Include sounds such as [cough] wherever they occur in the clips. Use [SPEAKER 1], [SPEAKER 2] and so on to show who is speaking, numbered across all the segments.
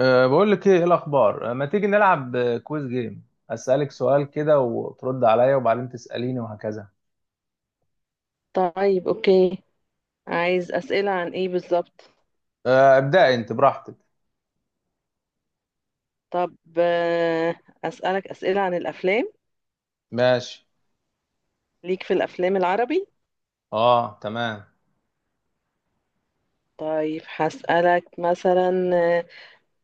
[SPEAKER 1] بقول لك ايه الاخبار، ما تيجي نلعب، كويز جيم اسالك سؤال كده وترد عليا وبعدين تساليني وهكذا.
[SPEAKER 2] طيب، اوكي. عايز اسئله عن ايه بالظبط؟
[SPEAKER 1] ابدأ انت براحتك.
[SPEAKER 2] طب، اسالك اسئله عن الافلام.
[SPEAKER 1] ماشي.
[SPEAKER 2] ليك في الافلام العربي.
[SPEAKER 1] اه تمام.
[SPEAKER 2] طيب، هسالك مثلا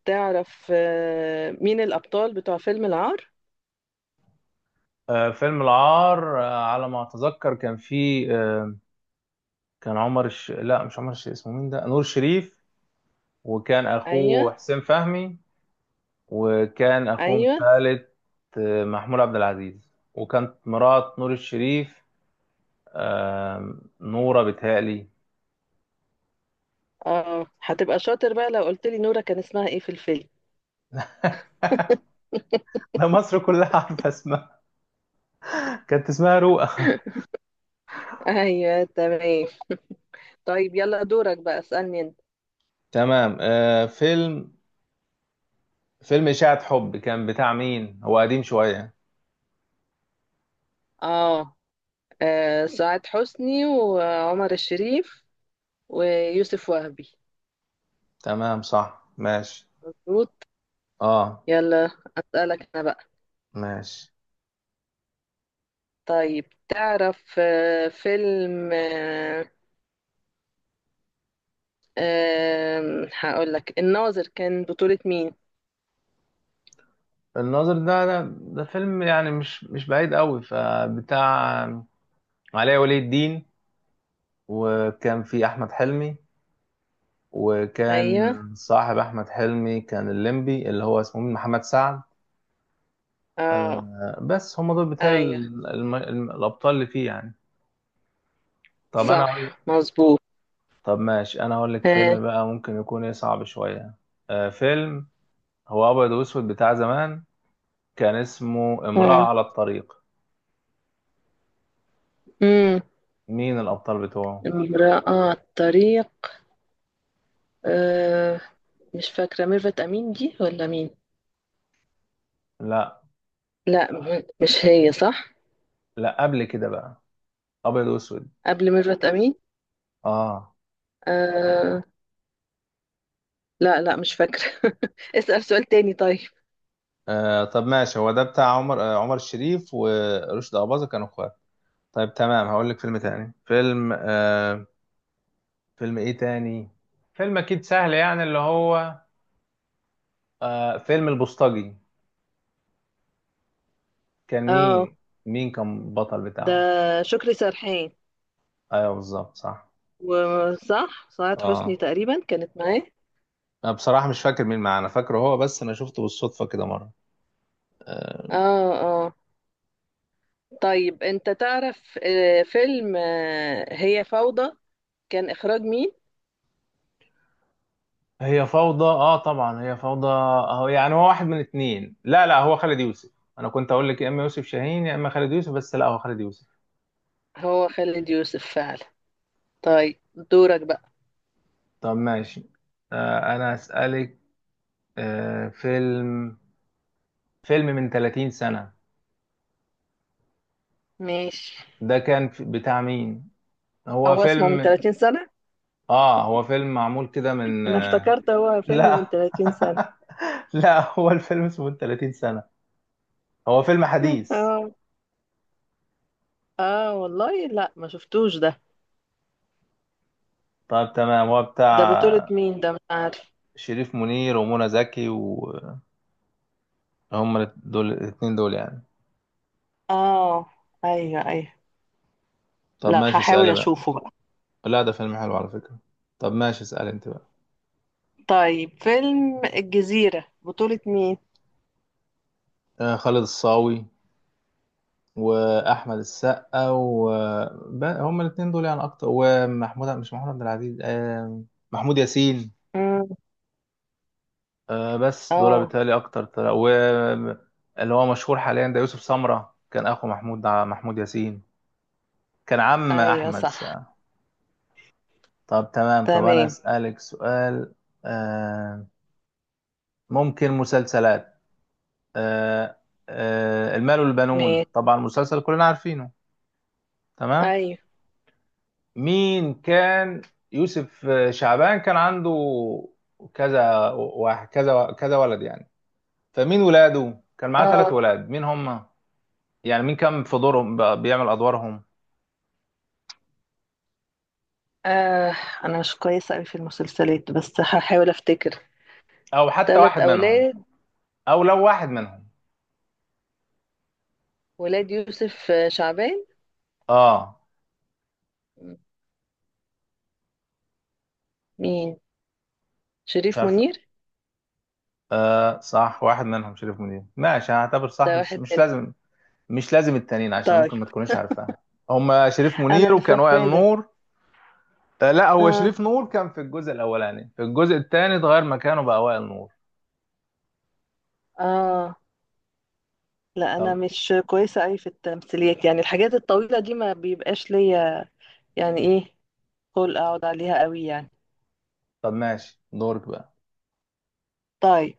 [SPEAKER 2] تعرف مين الابطال بتوع فيلم العار؟
[SPEAKER 1] فيلم العار، على ما اتذكر كان فيه كان عمر الش...، لا مش عمر الش...، اسمه مين ده؟ نور شريف. وكان
[SPEAKER 2] ايوه،
[SPEAKER 1] اخوه حسين فهمي. وكان اخوهم
[SPEAKER 2] ايوه.
[SPEAKER 1] الثالث محمود عبد العزيز. وكانت مرات نور الشريف أه نورة، بتهيألي.
[SPEAKER 2] اه، هتبقى شاطر بقى لو قلت لي نورة كان اسمها ايه في الفيلم.
[SPEAKER 1] [laughs] ده مصر كلها عارفة اسمها. كانت اسمها رؤى.
[SPEAKER 2] [laughs] ايوه، تمام. طيب، يلا دورك بقى، اسالني انت.
[SPEAKER 1] تمام. فيلم إشاعة حب كان بتاع مين؟ هو قديم شوية.
[SPEAKER 2] اه. سعاد حسني وعمر الشريف ويوسف وهبي.
[SPEAKER 1] تمام صح، ماشي.
[SPEAKER 2] مظبوط.
[SPEAKER 1] اه.
[SPEAKER 2] يلا، أسألك أنا بقى.
[SPEAKER 1] ماشي.
[SPEAKER 2] طيب، تعرف فيلم هقول لك الناظر كان بطولة مين؟
[SPEAKER 1] الناظر ده فيلم يعني مش بعيد قوي، فبتاع علي ولي الدين. وكان في أحمد حلمي، وكان
[SPEAKER 2] أيوه.
[SPEAKER 1] صاحب أحمد حلمي كان الليمبي، اللي هو اسمه مين؟ محمد سعد.
[SPEAKER 2] اه.
[SPEAKER 1] بس هم دول بتاع
[SPEAKER 2] أيوه،
[SPEAKER 1] الأبطال اللي فيه يعني. طب أنا
[SPEAKER 2] صح،
[SPEAKER 1] أقول.
[SPEAKER 2] مظبوط.
[SPEAKER 1] طب ماشي، انا اقول لك
[SPEAKER 2] آه،
[SPEAKER 1] فيلم بقى ممكن يكون ايه، صعب شوية. فيلم هو ابيض واسود بتاع زمان، كان اسمه امرأة
[SPEAKER 2] آه.
[SPEAKER 1] على الطريق.
[SPEAKER 2] أمم،
[SPEAKER 1] مين الابطال بتوعه؟
[SPEAKER 2] امرأة على الطريق. آه، مش فاكرة ميرفت أمين دي ولا مين؟
[SPEAKER 1] لا.
[SPEAKER 2] لا، مش هي صح؟
[SPEAKER 1] لا، قبل كده بقى، ابيض واسود.
[SPEAKER 2] قبل ميرفت أمين؟
[SPEAKER 1] اه.
[SPEAKER 2] آه، لا، لا، مش فاكرة. [laughs] اسأل سؤال تاني طيب.
[SPEAKER 1] طب ماشي، هو ده بتاع عمر، عمر الشريف ورشدي اباظة، كانوا اخوات. طيب تمام، هقول لك فيلم تاني. فيلم فيلم ايه تاني؟ فيلم اكيد سهل يعني، اللي هو فيلم البوسطجي. كان
[SPEAKER 2] اه،
[SPEAKER 1] مين؟ مين كان بطل
[SPEAKER 2] ده
[SPEAKER 1] بتاعه؟
[SPEAKER 2] شكري سرحان.
[SPEAKER 1] ايوه بالظبط صح.
[SPEAKER 2] وصح، سعاد حسني
[SPEAKER 1] اه.
[SPEAKER 2] تقريبا كانت معاه.
[SPEAKER 1] انا بصراحة مش فاكر مين معانا، فاكره هو بس. انا شفته بالصدفة كده مرة. آه.
[SPEAKER 2] اه. اه. طيب، انت تعرف فيلم هي فوضى، كان اخراج مين؟
[SPEAKER 1] هي فوضى؟ اه طبعا، هي فوضى اهو يعني. هو واحد من اتنين، لا هو خالد يوسف. انا كنت اقول لك يا اما يوسف شاهين يا اما خالد يوسف، بس لا، هو خالد يوسف.
[SPEAKER 2] هو خالد يوسف فعلا. طيب، دورك بقى.
[SPEAKER 1] طب ماشي. انا اسالك. آه فيلم فيلم من 30 سنة.
[SPEAKER 2] ماشي،
[SPEAKER 1] ده كان بتاع مين؟ هو
[SPEAKER 2] هو اسمه من
[SPEAKER 1] فيلم...
[SPEAKER 2] 30 سنة.
[SPEAKER 1] اه هو فيلم معمول كده من
[SPEAKER 2] انا افتكرت هو فيلم من
[SPEAKER 1] لا.
[SPEAKER 2] 30 سنة.
[SPEAKER 1] [laughs] لا، هو الفيلم اسمه من 30 سنة، هو فيلم
[SPEAKER 2] [laughs]
[SPEAKER 1] حديث.
[SPEAKER 2] اه. اه والله، لا ما شفتوش ده.
[SPEAKER 1] طيب تمام، هو
[SPEAKER 2] ده بطولة
[SPEAKER 1] بتاع
[SPEAKER 2] مين؟ ده مش عارف.
[SPEAKER 1] شريف منير ومنى زكي، وهم دول الاثنين دول يعني.
[SPEAKER 2] اه. ايوه، ايوه.
[SPEAKER 1] طب
[SPEAKER 2] لا،
[SPEAKER 1] ماشي،
[SPEAKER 2] هحاول
[SPEAKER 1] اسألي بقى.
[SPEAKER 2] اشوفه بقى.
[SPEAKER 1] لا، ده فيلم حلو على فكرة. طب ماشي، اسألي انت بقى.
[SPEAKER 2] طيب، فيلم الجزيرة بطولة مين؟
[SPEAKER 1] خالد الصاوي واحمد السقا و... هم الاثنين دول يعني اكتر، ومحمود... مش محمود عبد العزيز، محمود ياسين. بس دول
[SPEAKER 2] اه.
[SPEAKER 1] بالتالي اكتر طلع. و... اللي هو مشهور حاليا ده يوسف سمرة، كان اخو محمود، ياسين. كان عم
[SPEAKER 2] ايوه،
[SPEAKER 1] احمد
[SPEAKER 2] صح.
[SPEAKER 1] السقا. طب تمام، طب أنا
[SPEAKER 2] تمام،
[SPEAKER 1] أسألك سؤال. آه ممكن مسلسلات. آه المال والبنون،
[SPEAKER 2] ماشي.
[SPEAKER 1] طبعا مسلسل كلنا عارفينه. تمام.
[SPEAKER 2] ايوه.
[SPEAKER 1] مين كان... يوسف شعبان كان عنده كذا واحد، كذا كذا ولد يعني. فمين ولاده كان معاه؟ ثلاث
[SPEAKER 2] اه.
[SPEAKER 1] ولاد، مين هم؟ يعني مين كان في دورهم بيعمل أدوارهم؟
[SPEAKER 2] آه انا مش كويسه قوي في المسلسلات بس هحاول افتكر.
[SPEAKER 1] أو حتى
[SPEAKER 2] ثلاث
[SPEAKER 1] واحد منهم.
[SPEAKER 2] اولاد.
[SPEAKER 1] أو لو واحد منهم.
[SPEAKER 2] ولاد يوسف شعبان.
[SPEAKER 1] اه
[SPEAKER 2] مين؟
[SPEAKER 1] مش
[SPEAKER 2] شريف
[SPEAKER 1] عارف.
[SPEAKER 2] منير.
[SPEAKER 1] صح، واحد منهم شريف منير، ماشي، هعتبر
[SPEAKER 2] ده
[SPEAKER 1] صح. مش
[SPEAKER 2] واحد
[SPEAKER 1] مش
[SPEAKER 2] منهم.
[SPEAKER 1] لازم، مش لازم التانيين، عشان
[SPEAKER 2] طيب،
[SPEAKER 1] ممكن ما تكونيش عارفاهم. هما شريف
[SPEAKER 2] انا
[SPEAKER 1] منير،
[SPEAKER 2] اللي
[SPEAKER 1] وكان وائل
[SPEAKER 2] فاكراه ده.
[SPEAKER 1] نور. لا، هو
[SPEAKER 2] اه.
[SPEAKER 1] شريف نور كان في الجزء الاولاني، في الجزء الثاني اتغير مكانه بقى وائل نور.
[SPEAKER 2] اه. لا، انا
[SPEAKER 1] طب.
[SPEAKER 2] مش كويسه قوي في التمثيليات، يعني الحاجات الطويله دي ما بيبقاش ليا. يعني ايه؟ قول اقعد عليها قوي يعني.
[SPEAKER 1] طب ماشي، دورك بقى.
[SPEAKER 2] طيب،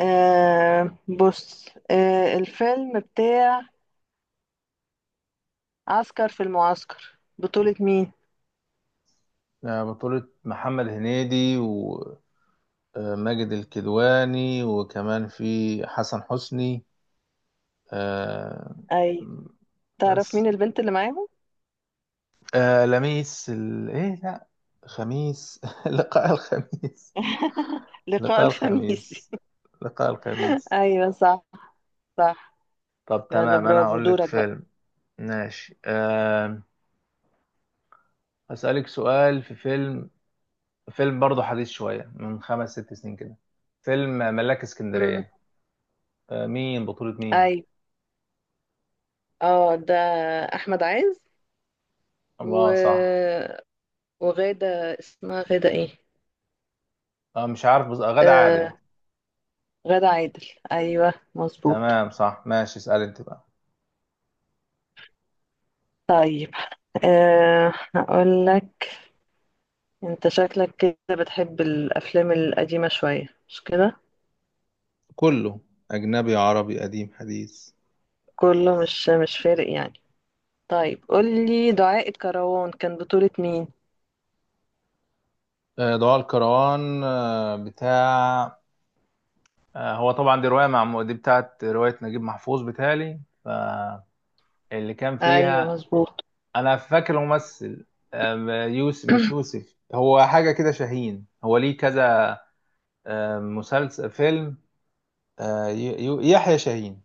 [SPEAKER 2] بص. الفيلم بتاع عسكر في المعسكر بطولة مين؟
[SPEAKER 1] بطولة محمد هنيدي وماجد الكدواني، وكمان في حسن حسني، آه،
[SPEAKER 2] أي. تعرف
[SPEAKER 1] بس.
[SPEAKER 2] مين البنت اللي معاهم؟
[SPEAKER 1] لميس ايه؟ لا، خميس. [laughs] لقاء الخميس.
[SPEAKER 2] [laughs] لقاء
[SPEAKER 1] لقاء
[SPEAKER 2] الخميس.
[SPEAKER 1] الخميس. لقاء
[SPEAKER 2] [laughs]
[SPEAKER 1] الخميس.
[SPEAKER 2] أيوة، صح. صح.
[SPEAKER 1] طب
[SPEAKER 2] يلا،
[SPEAKER 1] تمام، انا
[SPEAKER 2] برافو،
[SPEAKER 1] هقول لك
[SPEAKER 2] دورك بقى.
[SPEAKER 1] فيلم. ماشي. هسألك سؤال في فيلم. فيلم برضه حديث شوية، من خمس ست سنين كده، فيلم ملاك
[SPEAKER 2] مم.
[SPEAKER 1] اسكندرية. بطولة مين؟
[SPEAKER 2] أيوة. اه، ده أحمد عز و...
[SPEAKER 1] اه صح.
[SPEAKER 2] وغادة، اسمها غادة ايه؟
[SPEAKER 1] مش عارف بس، غادة
[SPEAKER 2] آه
[SPEAKER 1] عادل.
[SPEAKER 2] غادة عادل. أيوة، مظبوط.
[SPEAKER 1] تمام صح، ماشي، اسأل انت بقى.
[SPEAKER 2] طيب، آه هقول لك. انت شكلك كده بتحب الأفلام القديمة شوية مش كده؟
[SPEAKER 1] كله، أجنبي عربي قديم حديث.
[SPEAKER 2] كله، مش فارق يعني. طيب، قولي دعاء الكروان كان بطولة مين؟
[SPEAKER 1] ضوء الكروان، بتاع... هو طبعا دي رواية، مع دي بتاعت رواية نجيب محفوظ، بتالي فاللي كان
[SPEAKER 2] أيوة،
[SPEAKER 1] فيها...
[SPEAKER 2] مظبوط.
[SPEAKER 1] انا فاكر الممثل. يوسف، مش
[SPEAKER 2] [clears throat]
[SPEAKER 1] يوسف، هو حاجه كده شاهين، هو ليه كذا. مسلسل، فيلم، يحيى شاهين.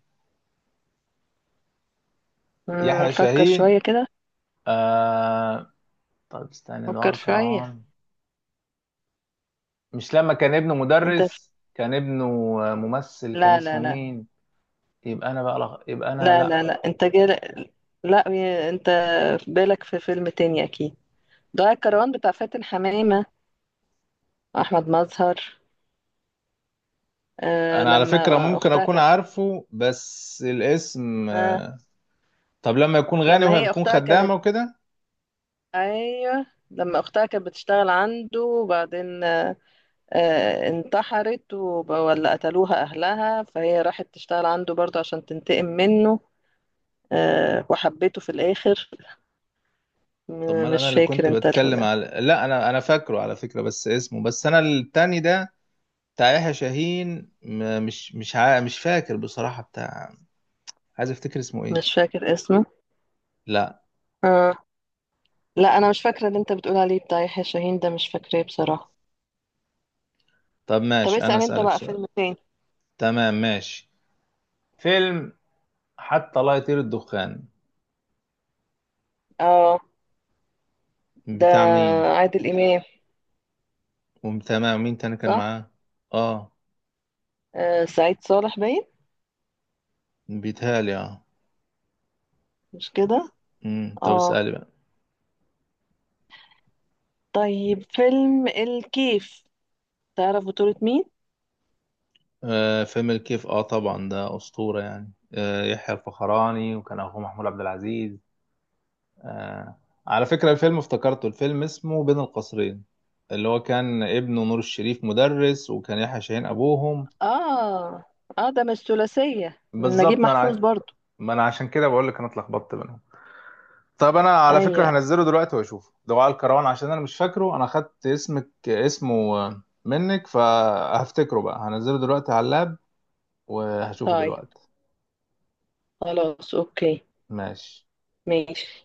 [SPEAKER 1] يحيى
[SPEAKER 2] فكر
[SPEAKER 1] شاهين.
[SPEAKER 2] شوية كده.
[SPEAKER 1] أه، طب استنى، دعاء
[SPEAKER 2] فكر شوية.
[SPEAKER 1] الكرام. مش لما كان ابنه
[SPEAKER 2] انت في...
[SPEAKER 1] مدرس؟ كان ابنه ممثل، كان
[SPEAKER 2] لا، لا،
[SPEAKER 1] اسمه
[SPEAKER 2] لا،
[SPEAKER 1] مين؟ يبقى انا،
[SPEAKER 2] لا،
[SPEAKER 1] لا.
[SPEAKER 2] لا، لا، لا، انت في بالك في فيلم تاني أكيد. دعاء الكروان بتاع فاتن حمامة وأحمد مظهر. آه
[SPEAKER 1] انا على فكره
[SPEAKER 2] لما
[SPEAKER 1] ممكن
[SPEAKER 2] أختها
[SPEAKER 1] اكون
[SPEAKER 2] كانت
[SPEAKER 1] عارفه، بس الاسم
[SPEAKER 2] آه
[SPEAKER 1] طب لما يكون غني
[SPEAKER 2] لما
[SPEAKER 1] وهي
[SPEAKER 2] هي
[SPEAKER 1] بتكون
[SPEAKER 2] أختها
[SPEAKER 1] خدامه
[SPEAKER 2] كانت
[SPEAKER 1] وكده.
[SPEAKER 2] أيوة، لما أختها كانت بتشتغل عنده وبعدين، انتحرت ولا قتلوها أهلها فهي راحت تشتغل عنده برضه عشان تنتقم منه. وحبيته في الآخر.
[SPEAKER 1] طب ما انا
[SPEAKER 2] مش
[SPEAKER 1] اللي
[SPEAKER 2] فاكر
[SPEAKER 1] كنت
[SPEAKER 2] انت
[SPEAKER 1] بتكلم على، لا، انا فاكره على فكره بس اسمه، بس انا التاني ده بتاع يحيى شاهين، م- مش مش مش فاكر بصراحه بتاع، عايز افتكر اسمه ايه.
[SPEAKER 2] مش فاكر اسمه.
[SPEAKER 1] لا.
[SPEAKER 2] آه. لا، أنا مش فاكرة اللي انت بتقول عليه، بتاع يحيى شاهين ده مش فاكراه بصراحة.
[SPEAKER 1] طب
[SPEAKER 2] طب،
[SPEAKER 1] ماشي، انا
[SPEAKER 2] اسأل انت
[SPEAKER 1] اسالك
[SPEAKER 2] بقى
[SPEAKER 1] سؤال.
[SPEAKER 2] فيلم تاني.
[SPEAKER 1] تمام ماشي. فيلم حتى لا يطير الدخان،
[SPEAKER 2] اه، ده
[SPEAKER 1] بتاع مين؟
[SPEAKER 2] عادل إمام.
[SPEAKER 1] وتمام، مين تاني كان
[SPEAKER 2] صح.
[SPEAKER 1] معاه؟ اه.
[SPEAKER 2] سعيد صالح باين.
[SPEAKER 1] بيتهيألي اه.
[SPEAKER 2] مش كده؟
[SPEAKER 1] طب
[SPEAKER 2] اه.
[SPEAKER 1] اسالي بقى.
[SPEAKER 2] طيب، فيلم الكيف تعرف بطولة مين؟
[SPEAKER 1] فيلم الكيف. اه طبعا ده اسطوره يعني. يحيى الفخراني، وكان اخوه محمود عبد العزيز. آه. على فكرة الفيلم افتكرته، الفيلم اسمه بين القصرين، اللي هو كان ابنه نور الشريف مدرس، وكان يحيى شاهين أبوهم.
[SPEAKER 2] اه. اه، ده مش ثلاثية من نجيب
[SPEAKER 1] بالظبط،
[SPEAKER 2] محفوظ برضو؟
[SPEAKER 1] ما أنا عشان كده بقول لك، أنا اتلخبطت بينهم. طب أنا على فكرة
[SPEAKER 2] ايوه.
[SPEAKER 1] هنزله دلوقتي وأشوفه، دعاء الكروان، عشان أنا مش فاكره. أنا خدت اسمه منك، فهفتكره بقى. هنزله دلوقتي على اللاب وهشوفه
[SPEAKER 2] طيب،
[SPEAKER 1] دلوقتي.
[SPEAKER 2] خلاص، اوكي.
[SPEAKER 1] ماشي.
[SPEAKER 2] ماشي.